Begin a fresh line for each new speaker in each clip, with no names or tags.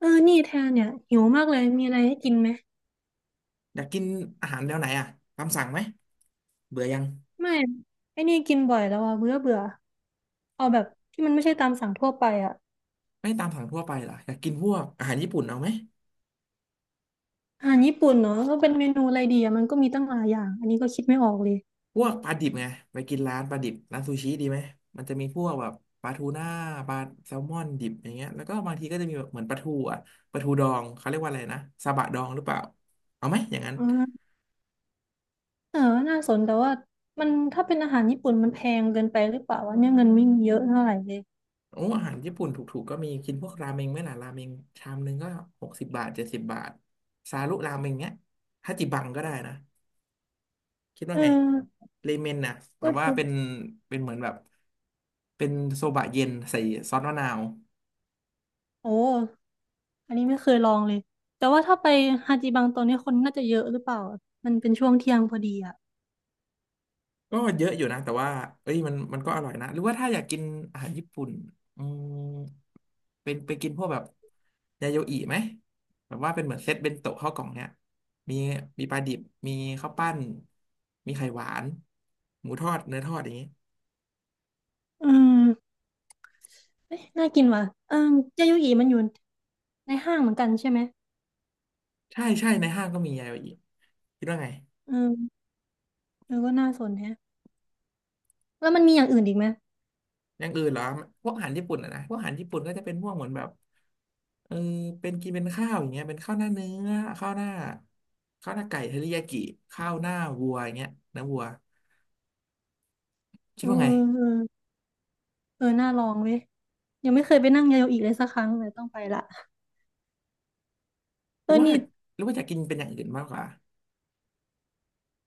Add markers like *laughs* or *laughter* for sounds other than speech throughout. เออนี่แทนเนี่ยหิวมากเลย มีอะไรให้กินไหม
อยากกินอาหารแนวไหนอ่ะตามสั่งไหม เบื่อยัง
ไม่ไอ้นี่กินบ่อยแล้วอ่ะเบื่อเบื่อเอาแบบที่มันไม่ใช่ตามสั่งทั่วไปอ่ะ
ไม่ตามสั่งทั่วไปเหรออยากกินพวกอาหารญี่ปุ่นเอาไหม
อาหารญี่ปุ่นเนาะก็เป็นเมนูอะไรดีอ่ะมันก็มีตั้งหลายอย่างอันนี้ก็คิดไม่ออกเลย
พวกปลาดิบไง ไปกินร้านปลาดิบร้านซูชิดีไหม มันจะมีพวกแบบปลาทูน่าปลาแซลมอนดิบอย่างเงี้ยแล้วก็บางทีก็จะมีแบบเหมือนปลาทูอ่ะปลาทูดองเขาเรียกว่าอะไรนะ ซาบะดองหรือเปล่าเอาไหมอย่างนั้น
อ่าเออน่าสนแต่ว่ามันถ้าเป็นอาหารญี่ปุ่นมันแพงเกินไปหรือเปล่าวะเนี่ยเงินไม่มีเยอะเท่าไหร่เลย
โอ้อาหารญี่ปุ่นถูกๆก็มีกินพวกราเมงไหมล่ะราเมงชามนึงก็60 บาท70 บาทซารุราเมงเงี้ยฮาจิบังก็ได้นะ คิด
เอ
ว่าไง
อ
เลเมนน่ะแบ
ก็
บ
จ
ว่า
ริง
เป็น เป็นเหมือนแบบ เป็นโซบะเย็นใส่ซอสมะนาว
โอ้อันนี้ไม่เคยลองเลยแต่ว่าถ้าไปฮาจิบังตอนนี้คนน่าจะเยอะหรือเปล่าอะมันเป็นช่วงเที่ยงพอดีอ่ะ
ก็เยอะอยู่นะ แต่ว่าเอ้ยมันก็อร่อยนะ หรือว่าถ้าอยากกินอาหารญี่ปุ่นอืมเป็นไปกินพวกแบบ ยาโยอิไหมแบบว่าเป็นเหมือนเซตเบนโตะข้าวกล่องเนี่ย มี มีปลาดิบ มีข้าวปั้นมีไข่หวาน หมูทอดเนื้อทอดอย่างนี้
อืม เอะน่ากินว่ะเออเจยุหยีมันอยู่ในห้างเหมือนกันใช่ไหม
ใช่ใช่ในห้างก็มียาโยอิคิดว่าไง
เออเออก็น่าสนแฮะแล้วมันมีอย่างอื่นอีกไหม
อย่างอื่นเหรอพวกอาหารญี่ปุ่นอะนะพวกอาหารญี่ปุ่นก็จะเป็นพวกเหมือนแบบเออเป็นกินเป็นข้าวอย่างเงี้ยเป็นข้าวหน้าเนื้อข้าวหน้าข้าวหน้าไก่เทริยากิข้าวหน้าวัวอย่างเงี้ยเนื้อวัวคิด
เออ
ว่าไง
เออเออน่าลองเว้ยยังไม่เคยไปนั่งยาโยอิเลยสักครั้งเลยต้องไปละ
ห
เอ
รือ
อ
ว่า
นี่
หรือว่าจะกินเป็นอย่างอื่นมากกว่า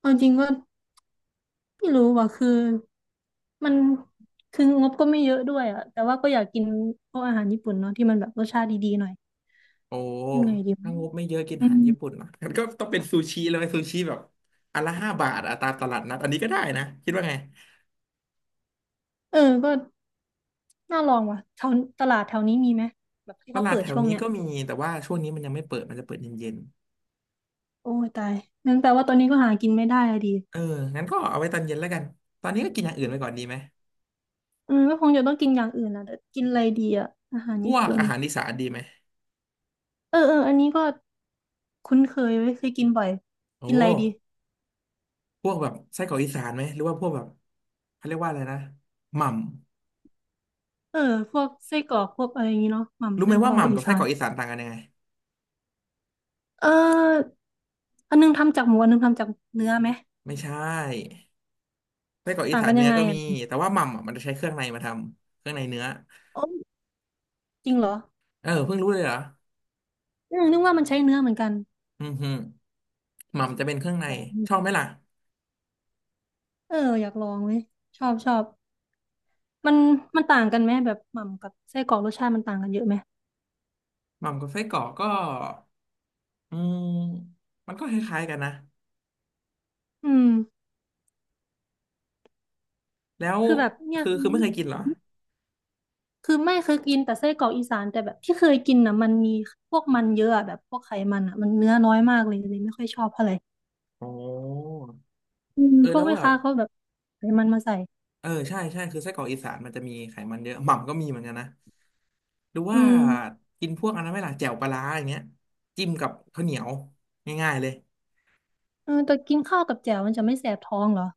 เอาจริงก็ไม่รู้ว่ะคือ มันคืองบก็ไม่เยอะด้วยอะแต่ว่าก็อยากกินพวกอาหารญี่ปุ่นเนาะที่มันแบบรสชาติดีๆหน่อย
โอ้
ยังไงดีวะ
ถ้างบไม่เยอะกิน
อื
อาหารญี่
ม
ปุ่นเหรองั้นก็ต้องเป็นซูชิเลยซูชิแบบอันละ5 บาทอะตามตลาดนัดอันนี้ก็ได้นะคิดว่าไง
เออก็น่าลองว่ะแถวตลาดแถวนี้มีไหมแบบที่
ต
เขา
ลาด
เปิด
แถว
ช่วง
นี้
เนี้ย
ก็มีแต่ว่าช่วงนี้มันยังไม่เปิดมันจะเปิดเย็น
โอ้ยตายงั้นแปลว่าตอนนี้ก็หากินไม่ได้อะดี
ๆเอองั้นก็เอาไว้ตอนเย็นแล้วกันตอนนี้ก็กินอย่างอื่นไปก่อนดีไหม
ก็คงจะต้องกินอย่างอื่นนะแต่กินอะไรดีอะอาหาร
พ
ญี่
วก
ปุ่น
อาหารอีสานดีไหม
เออเอออันนี้ก็คุ้นเคยไว้ยเคยกินบ่อย
โอ้
กินอะไรดี
พวกแบบไส้กรอกอีสานไหมหรือว่าพวกแบบเขาเรียกว่าอะไรนะหม่
เออพวกไส้กรอกพวกอะไรอย่างงี้เนาะห
ำรู้
ม่ำ
ไห
ไส้
ม
ก
ว่า
รอ
ห
ก
ม่ำ
อี
กับไส้
สา
กร
น
อกอีสานต่างกันยังไง
เอออันนึงทำจากหมูอันนึงทำจากเนื้อไหม
ไม่ใช่ไส้กรอกอี
ต่าง
สา
กั
น
นยั
เนื้อ
งไง
ก็มี
อ่ะ
แต่ว่าหม่ำอะมันจะใช้เครื่องในมาทำเครื่องในเนื้อ
ออจริงเหรอ
เออเพิ่งรู้เลยเหรอ
นึกว่ามันใช้เนื้อเหมือนกัน
อือหอหม่ำจะเป็นเครื่องใน
โห
ชอบไหมล่ะ
เอออยากลองเว้ยชอบชอบมันมันต่างกันไหมแบบหม่ำกับไส้กรอกรสชาติมันต่างกันเยอะไหม
หม่ำกับไส้กรอกก็อืมมันก็คล้ายๆกันนะ
อืม
แล้ว
คือแบบเนี่ย
คือไม่เคยกินเหรอ
คือไม่เคยกินแต่ไส้กรอกอีสานแต่แบบที่เคยกินน่ะมันมีพวกมันเยอะอะแบบพวกไขมันอ่ะมันเนื้อน้อยมากเลยเลยไม่ค่อยชอบเท่าไหร่
โอ้เออ
พว
แล้
ก
ว
แม่
แบบ
ค้าเขาแบบไขมันมาใส่
เออใช่ใช่คือไส้กรอกอีสานมันจะมีไขมันเยอะหม่ำก็มีเหมือนกันนะหรือ
อื
ว่า
ม
กินพวกอันนั้นไหมล่ะแจ่วปลาร้าอย่างเงี้ยจิ้มกับข้าวเหนียวง่ายๆเลย
เออแต่กินข้าวกับแจ่วมันจะไม่แสบท้องเหรอ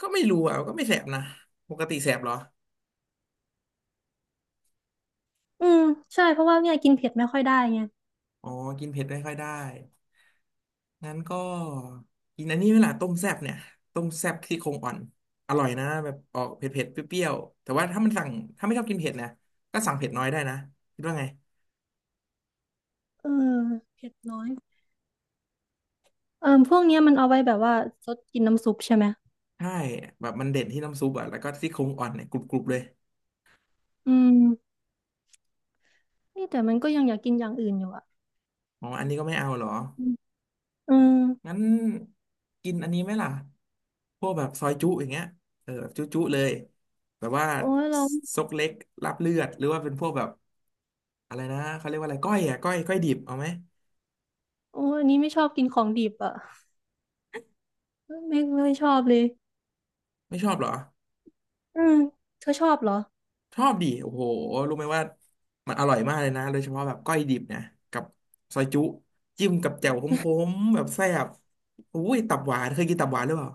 ก็ไม่รู้อ่ะก็ไม่แสบนะปกติแสบเหรอ
อืมใช่เพราะว่าเนี่ยกินเผ็ดไม่ค่อยได้ไง
อ๋อกินเผ็ดไม่ค่อยได้งั้นก็กินอันนี้ไหมล่ะต้มแซ่บเนี่ยต้มแซ่บซี่โครงอ่อนอร่อยนะแบบออกเผ็ดๆเปรี้ยวๆแต่ว่าถ้ามันสั่งถ้าไม่ชอบกินเผ็ดนะก็สั่งเผ็ดน้อยได้นะคิดว่าไง
เออเผ็ดน้อยเออพวกเนี้ยมันเอาไว้แบบว่าซดกินน้ำซุปใช่ไหม
ใช่แบบมันเด่นที่น้ำซุปอ่ะแล้วก็ซี่โครงอ่อนเนี่ยกรุบๆเลย
อืมนี่แต่มันก็ยังอยากกินอย่างอื่นอยู่อ่ะ
อ๋ออันนี้ก็ไม่เอาเหรอ
อืมเ
งั้นกินอันนี้ไหมล่ะพวกแบบซอยจุอย่างเงี้ยเออแบบจุจุเลยแบบว่า
โอ้ยเรา
ซกเล็กลาบเลือดหรือว่าเป็นพวกแบบอะไรนะ เขาเรียกว่าอะไรก้อยอ่ะก้อยก้อยดิบเอาไหม
โอ้ยอันนี้ไม่ชอบกินของดิบอ่ะ ไม่ไม่ชอบเลย
ไม่ชอบเหรอ
อืมเธอชอบเหรอ
ชอบดิโอ้โหรู้ไหมว่ามันอร่อยมากเลยนะโดยเฉพาะแบบก้อยดิบเนี่ยกับซอยจุจิ้มกับแจ่วขมๆแบบแซ่บอุ้ยตับหวานเคยกินตับหวานหรือเปล่า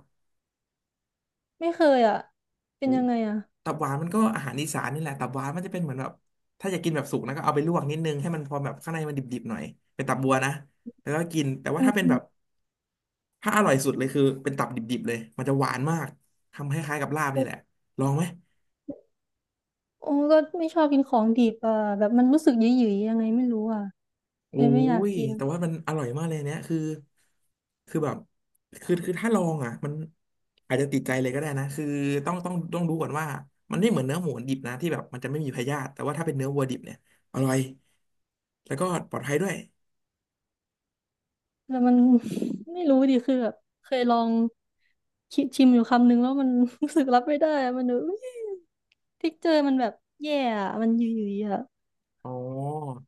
ไม่เคยอ่ะเป็
โอ้
นยังไงอ่ะ
ตับหวานมันก็อาหารอีสานนี่แหละตับหวานมันจะเป็นเหมือนแบบถ้าอยากกินแบบสุกนะก็เอาไปลวกนิดนึงให้มันพอแบบข้างในมันดิบๆหน่อยเป็นตับบัวนะแล้วก็กินแต่ว่า
อื
ถ้าเป็นแบ
ม
บถ้าอร่อยสุดเลยคือเป็นตับดิบๆเลยมันจะหวานมากทำคล้ายๆกับลาบนี่แหละลองไหม
โอ้ก็ไม่ชอบกินของดิบอ่ะแบบมันรู้สึกหยิ่ยๆยังไงไม่รู้อ่ะ
โอ้
เลยไม่อยาก
ย
กิน
แต่ว่ามันอร่อยมากเลยเนี่ยคือคือแบบคือถ้าลองอ่ะมันอาจจะติดใจเลยก็ได้นะ คือต้องรู้ก่อนว่ามันไม่เหมือนเนื้อหมูดิบนะที่แบบมันจะไม่มีพยาธิแต่ว่าถ้าเป็นเนื้อวัวดิบเนี่ยอร่อยแล้วก็ปลอดภัยด้วย
แล้วมัน *laughs* ไม่รู้ดิคือแบบเคยลองคิดชิมอยู่คำนึงแล้วมัน *laughs* รู้สึกรับไม่ได้อะมันดบบทิกเจอร์มันแบบแย่อะมันหยิ่ยๆอ่ะ
อ๋อ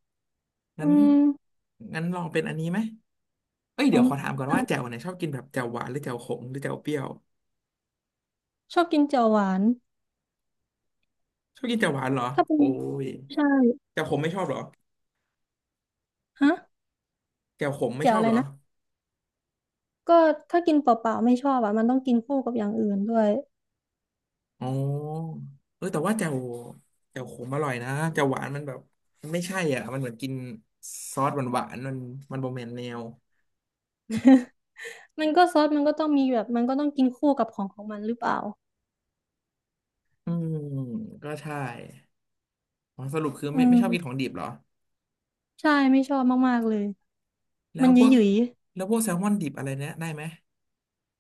งั้
อื
น
ม
งั้นลองเป็นอันนี้ไหมเอ้ย
ขอ
เดี๋ยว
ง
ขอถามก่อนว่าแจ่วเนี่ยชอบกินแบบแจ่วหวานหรือแจ่วขมหรือแจ่วเปรี้ยว
ชอบกินแจ่วหวาน
ชอบกินแจ่วหวานเหรอ
ถ้าเป็น
โอ้ย
ใช่
แจ่วขมไม่ชอบเหรอ
ฮะ
แจ่วขมไม่
แจ่
ช
ว
อ
อะ
บ
ไร
เหรอ
นะ ก็ถ้ากินเปล่าๆไม่ชอบอ่ะมันต้องกินคู่กับอย่างอื่นด้วย
อ๋อเออแต่ว่าแจ่วแจ่วขมอร่อยนะแจ่วหวานมันแบบมันไม่ใช่อ่ะมันเหมือนกินซอสหวานหวานมันมันโบแมนแนว
*laughs* มันก็ซอสมันก็ต้องมีแบบมันก็ต้องกินคู่กับของของมันหรือเปล่า
อืมก็ใช่อ๋อสรุปคือ
อื
ไม่ชอบกินขอ
ม
งดิบเหรอ
ใช่ไม่ชอบมากๆเลย
แล้
มั
ว
นห
พวก
ยุ่ย
แล้วพวกแซลมอนดิบอะไรเนี้ยได้ไหม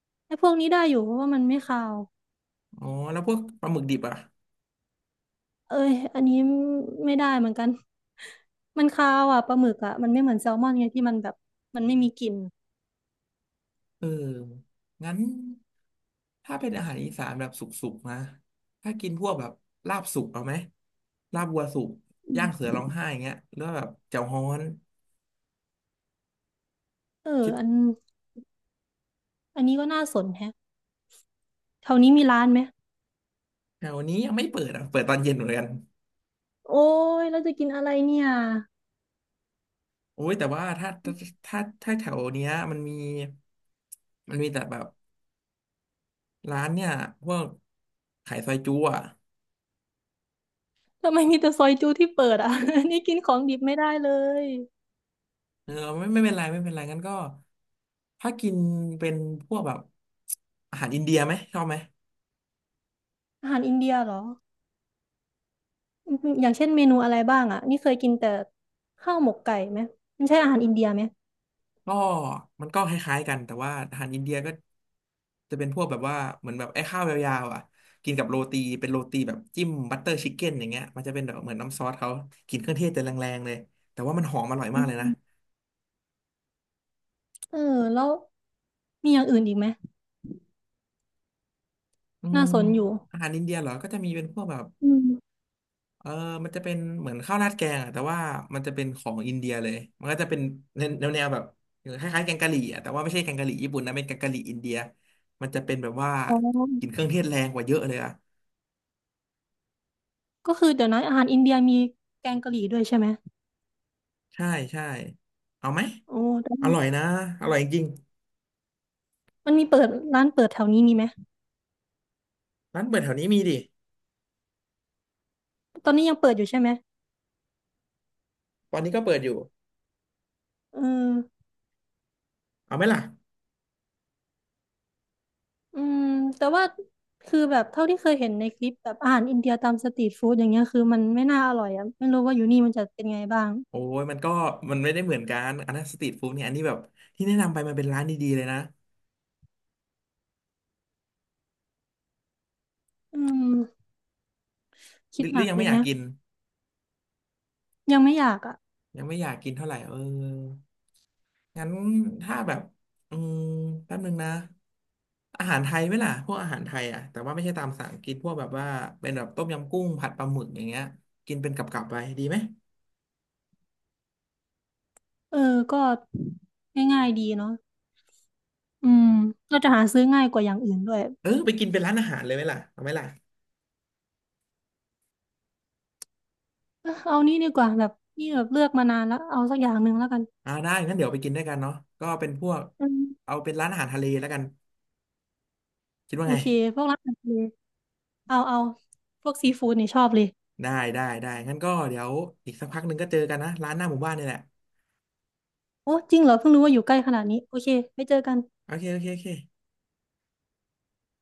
ๆไอ้พวกนี้ได้อยู่เพราะว่ามันไม่คาว
อ๋อแล้วพวกปลาหมึกดิบอ่ะ
เอ้ยอันนี้ไม่ได้เหมือนกัน *laughs* มันคาวอ่ะปลาหมึกอ่ะมันไม่เหมือนแซลมอนไงที่มันแบบมันไม่มีกลิ่น
เอองั้นถ้าเป็นอาหารอีสานแบบสุกๆนะถ้ากินพวกแบบลาบสุกเอาไหมลาบวัวสุก
อื
ย่างเสือ
ม
ร้องไห้อย่างเงี้ยหรือว่าแบบแจ่วฮ้อน
เออ
คิด
อันอันนี้ก็น่าสนแฮะแถวนี้มีร้านไหม
แถวนี้ยังไม่เปิดอ่ะเปิดตอนเย็นเหมือนกัน
โอ้ยเราจะกินอะไรเนี่ย
โอ้ยแต่ว่าถ้าแถวเนี้ยมันมีมันมีแต่แบบร้านเนี่ยพวกขายซอยจุ๊อ่ะ
ทำไมมีแต่ซอยจูที่เปิดอ่ะ *laughs* นี่กินของดิบไม่ได้เลย
เออไม่เป็นไรไม่เป็นไรงั้นก็ถ้ากินเป็นพวกแบบอาหารอินเดียไหมชอบไหม
อาหารอินเดียเหรออย่างเช่นเมนูอะไรบ้างอ่ะนี่เคยกินแต่ข้าวหมกไก่ไหมมันใช่อาหารอินเดียไหม
ก็มันก็คล้ายๆกันแต่ว่าอาหารอินเดียก็จะเป็นพวกแบบว่าเหมือนแบบไอ้ข้าวยาวๆอ่ะกินกับโรตีเป็นโรตีแบบจิ้มบัตเตอร์ชิคเก้นอย่างเงี้ยมันจะเป็นแบบเหมือนน้ำซอสเขากินเครื่องเทศแต่แรงๆเลยแต่ว่ามันหอมอร่อย
อื
มากเลยนะ
มเออแล้วมีอย่างอื่นอีกไหม
อื
น่า
ม
สนอยู่
อาหารอินเดียเหรอก็จะมีเป็นพวกแบบ
อืม
เออมันจะเป็นเหมือนข้าวราดแกงอะแต่ว่ามันจะเป็นของอินเดียเลยมันก็จะเป็นแนแนวแบบคล้ายๆแกงกะหรี่อะแต่ว่าไม่ใช่แกงกะหรี่ญี่ปุ่นนะเป็นแกงกะหรี่อินเดียมันจะเป็นแบบว่า
อ๋อ
กินเครื่องเทศแรงกว่าเยอะเลยอะ
ก็คือเดี๋ยวนะอาหารอินเดียมีแกงกะหรี่ด้วยใช่ไหม
ใช่ใช่เอาไหม
โอ้แต่
อร่อยนะอร่อยจริง
มันมีเปิดร้านเปิดแถวนี้มีไหม
ร้านเปิดแถวนี้มีดิ
ตอนนี้ยังเปิดอยู่ใช่ไหม
ตอนนี้ก็เปิดอยู่
เออ
เอาไหมล่ะ
อืมแต่ว่าคือแบบเท่าที่เคยเห็นในคลิปแบบอาหารอินเดียตามสตรีทฟู้ดอย่างเงี้ยคือมันไม่น่าอร่อยอ่ะไม่รู้ว่าอยู่นี่มันจะเป็นไงบ้าง
โอ้ยมันก็มันไม่ได้เหมือนกันอันนั้นสตรีทฟู้ดเนี่ยอันนี้แบบที่แนะนำไปมันเป็นร้านดีๆเลยนะ
อืม
ห
คิ
รื
ด
อห
ห
รื
นั
อ
ก
ยัง
เล
ไม่
ย
อยาก
แฮะ
กิน
ยังไม่อยากอ่ะ
ยังไม่อยากกินเท่าไหร่เอองั้นถ้าแบบอืมแป๊บนึงนะอาหารไทยไหมล่ะพวกอาหารไทยอ่ะแต่ว่าไม่ใช่ตามสั่งกินพวกแบบว่าเป็นแบบต้มยำกุ้งผัดปลาหมึกอย่างเงี้ยกินเป็นกับๆไปดีไหม
เออก็ง่ายๆดีเนาะอืมเราจะหาซื้อง่ายกว่าอย่างอื่นด้วย
เออไปกินเป็นร้านอาหารเลยไหมล่ะเอาไหมล่ะ
เอ้อเอานี่ดีกว่าแบบนี่แบบเลือกมานานแล้วเอาสักอย่างหนึ่งแล้วกัน
อ่าได้งั้นเดี๋ยวไปกินด้วยกันเนาะก็เป็นพวก
อืม
เอาเป็นร้านอาหารทะเลแล้วกันคิดว่า
โอ
ไง
เคพวกร้านอาหารทะเลเอาพวกซีฟู้ดนี่ชอบเลย
ได้ได้ได้งั้นก็เดี๋ยวอีกสักพักหนึ่งก็เจอกันนะร้านหน้าหมู่บ้านนี่แหละ
โอ้จริงเหรอเพิ่งรู้ว่าอยู่ใกล้ขนาดนี้โอเคไปเจอกัน
โอเคโอเคโอเค